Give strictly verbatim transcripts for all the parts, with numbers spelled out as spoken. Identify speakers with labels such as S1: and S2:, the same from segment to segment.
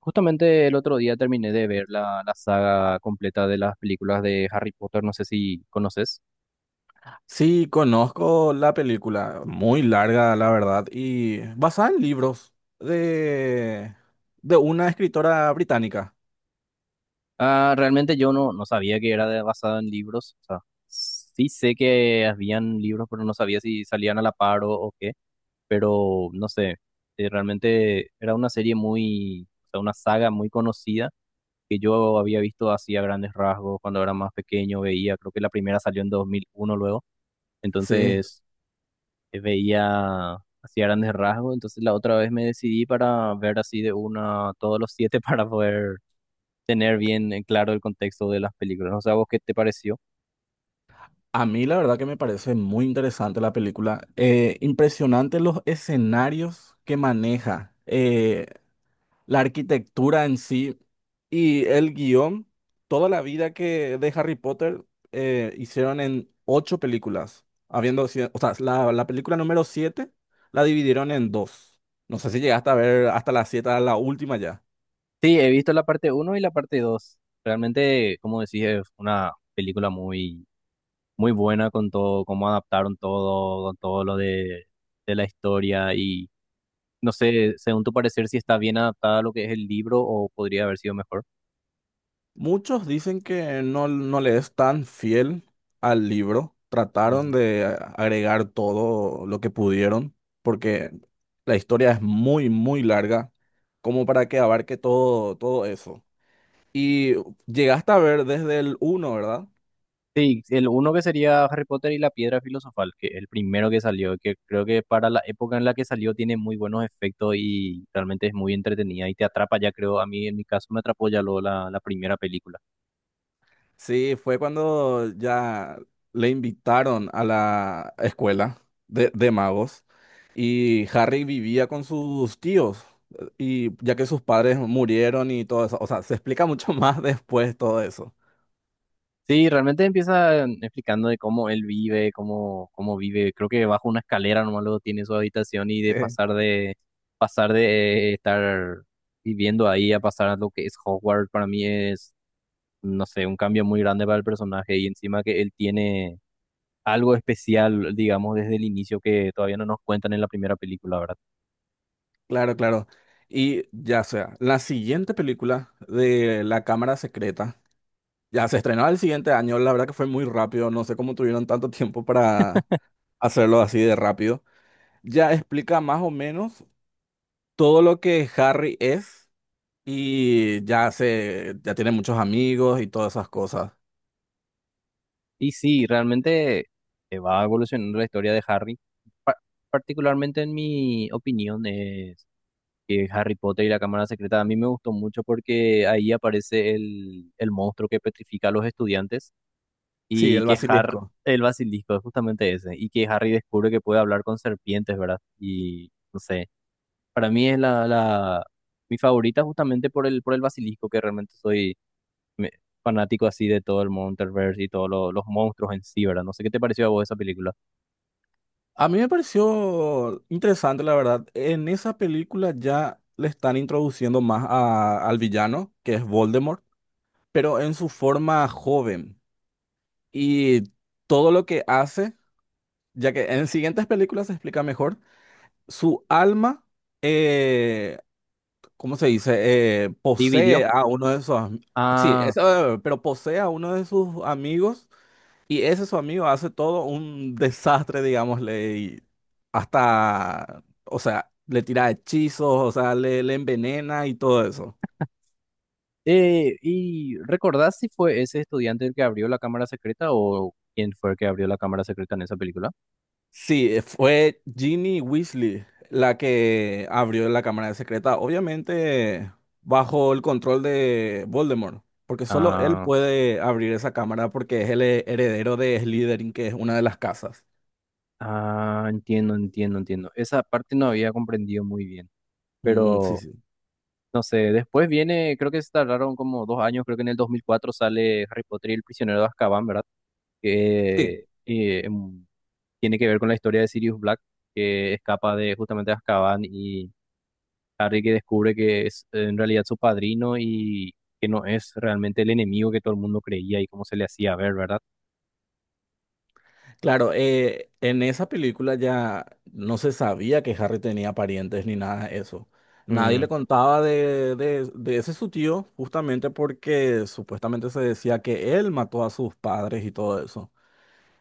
S1: Justamente el otro día terminé de ver la, la saga completa de las películas de Harry Potter, no sé si conoces.
S2: Sí, conozco la película, muy larga, la verdad, y basada en libros de, de una escritora británica.
S1: Ah, realmente yo no, no sabía que era de- basada en libros. O sea, sí sé que habían libros, pero no sabía si salían a la par o, o qué, pero no sé, eh, realmente era una serie muy, o sea, una saga muy conocida que yo había visto así a grandes rasgos cuando era más pequeño. Veía, creo que la primera salió en dos mil uno. Luego.
S2: Sí,
S1: Entonces eh, veía así a grandes rasgos. Entonces la otra vez me decidí para ver así de una todos los siete para poder tener bien en claro el contexto de las películas. O sea, ¿vos qué te pareció?
S2: a mí la verdad que me parece muy interesante la película. Eh, impresionante los escenarios que maneja. Eh, la arquitectura en sí y el guión, toda la vida que de Harry Potter eh, hicieron en ocho películas, habiendo sido, o sea, la, la película número siete la dividieron en dos. No sé si llegaste a ver hasta la siete, a la última ya.
S1: Sí, he visto la parte uno y la parte dos. Realmente, como decís, es una película muy, muy buena con todo, cómo adaptaron todo, con todo lo de, de la historia. Y no sé, según tu parecer, si está bien adaptada a lo que es el libro o podría haber sido mejor.
S2: Muchos dicen que no, no le es tan fiel al libro. Trataron de agregar todo lo que pudieron, porque la historia es muy, muy larga, como para que abarque todo, todo eso. Y llegaste a ver desde el uno, ¿verdad?
S1: Sí, el uno que sería Harry Potter y la Piedra Filosofal, que es el primero que salió, que creo que para la época en la que salió tiene muy buenos efectos y realmente es muy entretenida y te atrapa ya creo, a mí en mi caso me atrapó ya luego la, la primera película.
S2: Sí, fue cuando ya le invitaron a la escuela de, de magos y Harry vivía con sus tíos, eh, y ya que sus padres murieron y todo eso, o sea, se explica mucho más después todo eso.
S1: Sí, realmente empieza em, explicando de cómo él vive. Cómo, cómo vive, creo que bajo una escalera nomás luego tiene su habitación. Y de
S2: Eh,
S1: pasar de, pasar de estar viviendo ahí a pasar a lo que es Hogwarts. Para mí es, no sé, un cambio muy grande para el personaje, y encima que él tiene algo especial, digamos, desde el inicio que todavía no nos cuentan en la primera película, ¿verdad?
S2: Claro, claro. Y ya sea, la siguiente película de La Cámara Secreta ya se estrenó el siguiente año, la verdad que fue muy rápido, no sé cómo tuvieron tanto tiempo para hacerlo así de rápido. Ya explica más o menos todo lo que Harry es y ya se, ya tiene muchos amigos y todas esas cosas.
S1: Y sí, realmente eh, va evolucionando la historia de Harry. Pa- Particularmente, en mi opinión, es que Harry Potter y la Cámara Secreta a mí me gustó mucho porque ahí aparece el, el monstruo que petrifica a los estudiantes.
S2: Sí,
S1: Y
S2: el
S1: que Har
S2: basilisco.
S1: El basilisco es justamente ese, y que Harry descubre que puede hablar con serpientes, ¿verdad? Y no sé, para mí es la, la mi favorita, justamente por el, por el basilisco. Que realmente soy me- fanático así de todo el Monsterverse y todos lo- los monstruos en sí, ¿verdad? No sé qué te pareció a vos esa película.
S2: A mí me pareció interesante, la verdad. En esa película ya le están introduciendo más a- al villano, que es Voldemort, pero en su forma joven. Y todo lo que hace, ya que en siguientes películas se explica mejor, su alma. eh, ¿Cómo se dice? Eh,
S1: Dividió.
S2: posee a uno de sus, am- sí,
S1: Ah,
S2: eso, eh, pero posee a uno de sus amigos y ese su amigo hace todo un desastre, digámosle, y hasta, o sea, le tira hechizos, o sea, le, le envenena y todo eso.
S1: eh, ¿y recordás si fue ese estudiante el que abrió la cámara secreta, o quién fue el que abrió la cámara secreta en esa película?
S2: Sí, eh, fue Ginny Weasley la que abrió la cámara secreta, obviamente bajo el control de Voldemort, porque solo él
S1: Ah,
S2: puede abrir esa cámara porque es el heredero de Slytherin, que es una de las casas.
S1: ah, entiendo, entiendo, entiendo. Esa parte no había comprendido muy bien.
S2: Mm, sí,
S1: Pero
S2: sí.
S1: no sé, después viene, creo que se tardaron como dos años. Creo que en el dos mil cuatro sale Harry Potter y el prisionero de Azkaban, ¿verdad?
S2: Sí,
S1: Que
S2: Eh,
S1: eh, tiene que ver con la historia de Sirius Black, que escapa de justamente Azkaban. Y Harry que descubre que es en realidad su padrino, y que no es realmente el enemigo que todo el mundo creía y cómo se le hacía ver, ¿verdad?
S2: claro, eh, en esa película ya no se sabía que Harry tenía parientes ni nada de eso. Nadie
S1: Mm.
S2: le contaba de, de, de ese su tío, justamente porque supuestamente se decía que él mató a sus padres y todo eso.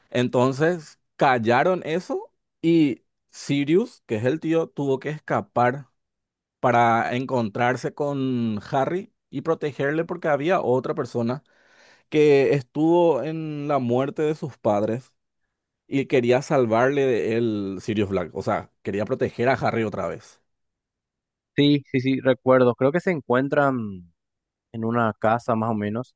S2: Entonces callaron eso y Sirius, que es el tío, tuvo que escapar para encontrarse con Harry y protegerle porque había otra persona que estuvo en la muerte de sus padres y quería salvarle de él, Sirius Black. O sea, quería proteger a Harry otra vez.
S1: Sí, sí, sí, recuerdo. Creo que se encuentran en una casa más o menos.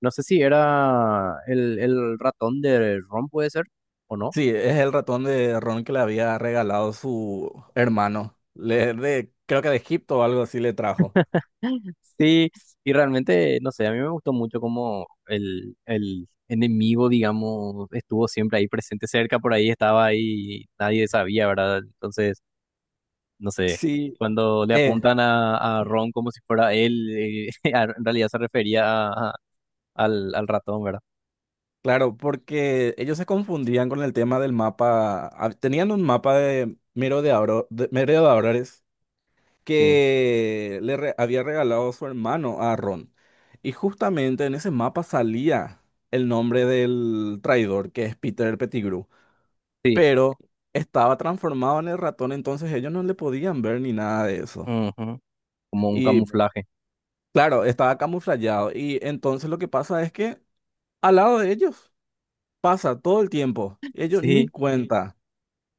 S1: No sé si era el, el ratón de Ron, puede ser, o no.
S2: Sí, es el ratón de Ron que le había regalado su hermano. Le, de, creo que de Egipto o algo así le trajo.
S1: Sí, y realmente, no sé, a mí me gustó mucho cómo el, el enemigo, digamos, estuvo siempre ahí presente cerca, por ahí estaba ahí, nadie sabía, ¿verdad? Entonces, no sé,
S2: Sí.
S1: cuando le
S2: eh,
S1: apuntan a, a Ron como si fuera él, eh, a- en realidad se refería a- a- al, al ratón, ¿verdad?
S2: Claro, porque ellos se confundían con el tema del mapa. Ah, tenían un mapa de merodeador- de Abro- de merodeadores
S1: Sí,
S2: que le re- había regalado su hermano a Ron. Y justamente en ese mapa salía el nombre del traidor, que es Peter Pettigrew.
S1: sí,
S2: Pero estaba transformado en el ratón, entonces ellos no le podían ver ni nada de eso.
S1: ujú, como un
S2: Y
S1: camuflaje,
S2: claro, estaba camuflado. Y entonces lo que pasa es que al lado de ellos pasa todo el tiempo. Ellos ni
S1: sí,
S2: cuenta.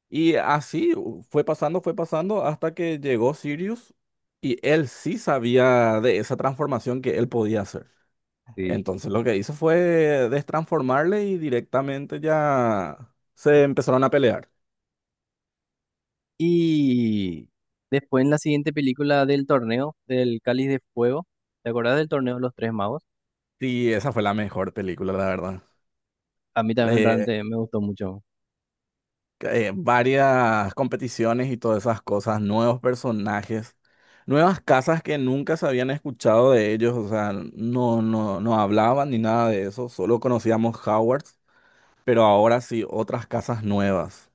S2: Y así u- fue pasando, fue pasando hasta que llegó Sirius y él sí sabía de esa transformación que él podía hacer.
S1: sí.
S2: Entonces lo que hizo fue destransformarle y directamente ya se empezaron a pelear.
S1: Y después en la siguiente película del torneo, del Cáliz de Fuego, ¿te acordás del torneo de los Tres Magos?
S2: Y esa fue la mejor película, la verdad.
S1: A mí también
S2: Le-
S1: realmente me gustó mucho.
S2: eh, varias competiciones y todas esas cosas, nuevos personajes, nuevas casas que nunca se habían escuchado de ellos, o sea, no, no, no hablaban ni nada de eso, solo conocíamos Howard. Pero ahora sí, otras casas nuevas.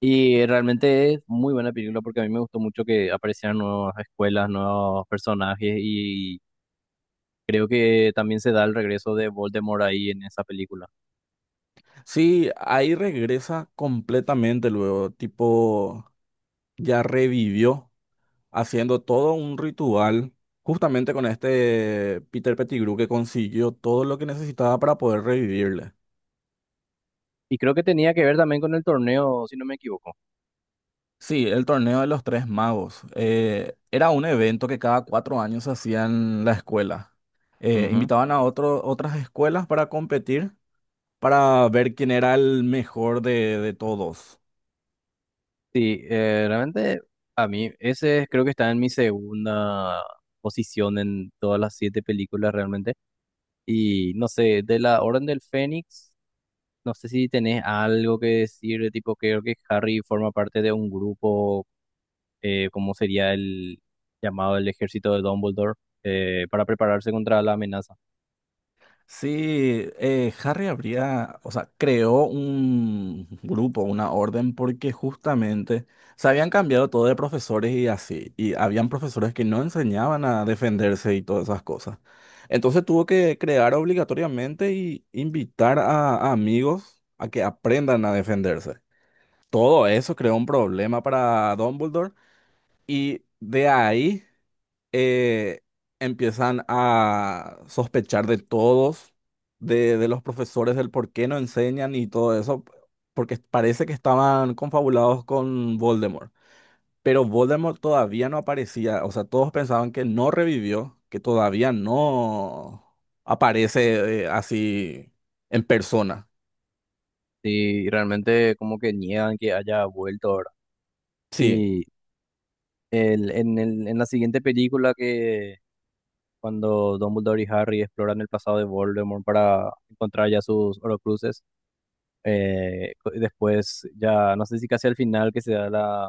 S1: Y realmente es muy buena película porque a mí me gustó mucho que aparecieran nuevas escuelas, nuevos personajes. Y creo que también se da el regreso de Voldemort ahí en esa película.
S2: Sí, ahí regresa completamente luego, tipo, ya revivió haciendo todo un ritual, justamente con este Peter Pettigrew que consiguió todo lo que necesitaba para poder revivirle.
S1: Y creo que tenía que ver también con el torneo, si no me equivoco.
S2: Sí, el torneo de los tres magos. Eh, era un evento que cada cuatro años se hacía en la escuela. Eh,
S1: Ujú.
S2: invitaban a otro- otras escuelas para competir, para ver quién era el mejor de de todos.
S1: Sí, eh, realmente a mí ese creo que está en mi segunda posición en todas las siete películas realmente. Y no sé, de la Orden del Fénix. No sé si tenés algo que decir. De tipo, creo que Harry forma parte de un grupo, eh, como sería el llamado el ejército de Dumbledore, eh, para prepararse contra la amenaza.
S2: Sí, eh, Harry habría, o sea, creó un grupo, una orden, porque justamente se habían cambiado todo de profesores y así, y habían profesores que no enseñaban a defenderse y todas esas cosas. Entonces tuvo que crear obligatoriamente y invitar a, a amigos a que aprendan a defenderse. Todo eso creó un problema para Dumbledore y de ahí eh, empiezan a sospechar de todos, de, de los profesores, del por qué no enseñan y todo eso, porque parece que estaban confabulados con Voldemort. Pero Voldemort todavía no aparecía, o sea, todos pensaban que no revivió, que todavía no aparece, eh, así en persona.
S1: Y realmente como que niegan que haya vuelto ahora.
S2: Sí,
S1: Y el, en, el, en la siguiente película, que cuando Dumbledore y Harry exploran el pasado de Voldemort para encontrar ya sus Horcruxes. Eh, co- después, ya no sé si casi al final que se da la,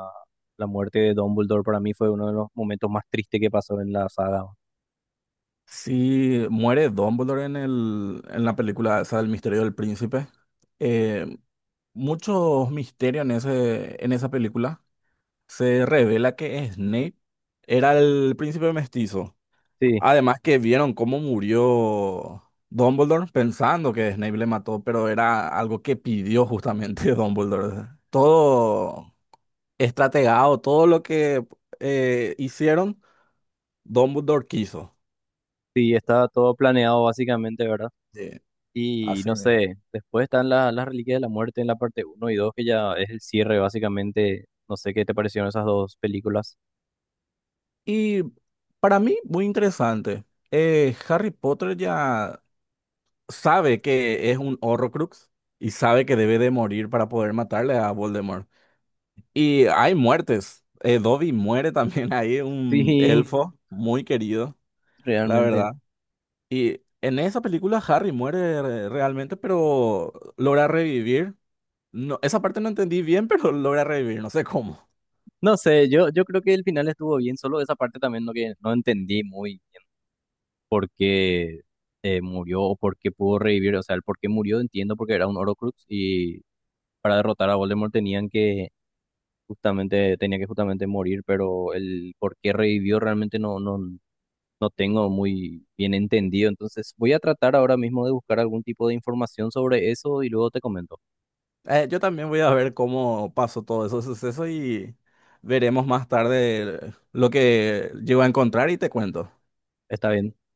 S1: la muerte de Dumbledore. Para mí fue uno de los momentos más tristes que pasó en la saga.
S2: sí muere Dumbledore en el, en la película esa del Misterio del Príncipe. Eh, muchos misterios en ese, en esa película. Se revela que Snape era el príncipe mestizo.
S1: Sí,
S2: Además que vieron cómo murió Dumbledore pensando que Snape le mató, pero era algo que pidió justamente Dumbledore. Todo estrategado, todo lo que eh, hicieron, Dumbledore quiso.
S1: sí, estaba todo planeado básicamente, ¿verdad?
S2: Sí,
S1: Y
S2: así
S1: no
S2: mismo.
S1: sé, después están la- las reliquias de la muerte en la parte uno y dos, que ya es el cierre básicamente. No sé qué te parecieron esas dos películas.
S2: Y para mí, muy interesante. Eh, Harry Potter ya sabe que es un Horrocrux y sabe que debe de morir para poder matarle a Voldemort. Y hay muertes. Eh, Dobby muere también ahí, un
S1: Sí,
S2: elfo muy querido, la
S1: realmente.
S2: verdad. Y en esa película Harry muere re- realmente, pero logra revivir. No, esa parte no entendí bien, pero logra revivir, no sé cómo.
S1: No sé, yo, yo creo que el final estuvo bien, solo esa parte también no, que no entendí muy. Por qué eh, murió o por qué pudo revivir. O sea, el por qué murió entiendo porque era un Horcrux y para derrotar a Voldemort tenían que justamente, tenía que justamente morir. Pero el por qué revivió realmente no, no, no tengo muy bien entendido. Entonces voy a tratar ahora mismo de buscar algún tipo de información sobre eso y luego te comento.
S2: Eh, yo también voy a ver cómo pasó todo ese suceso y veremos más tarde lo que llego a encontrar y te cuento.
S1: ¿Está bien?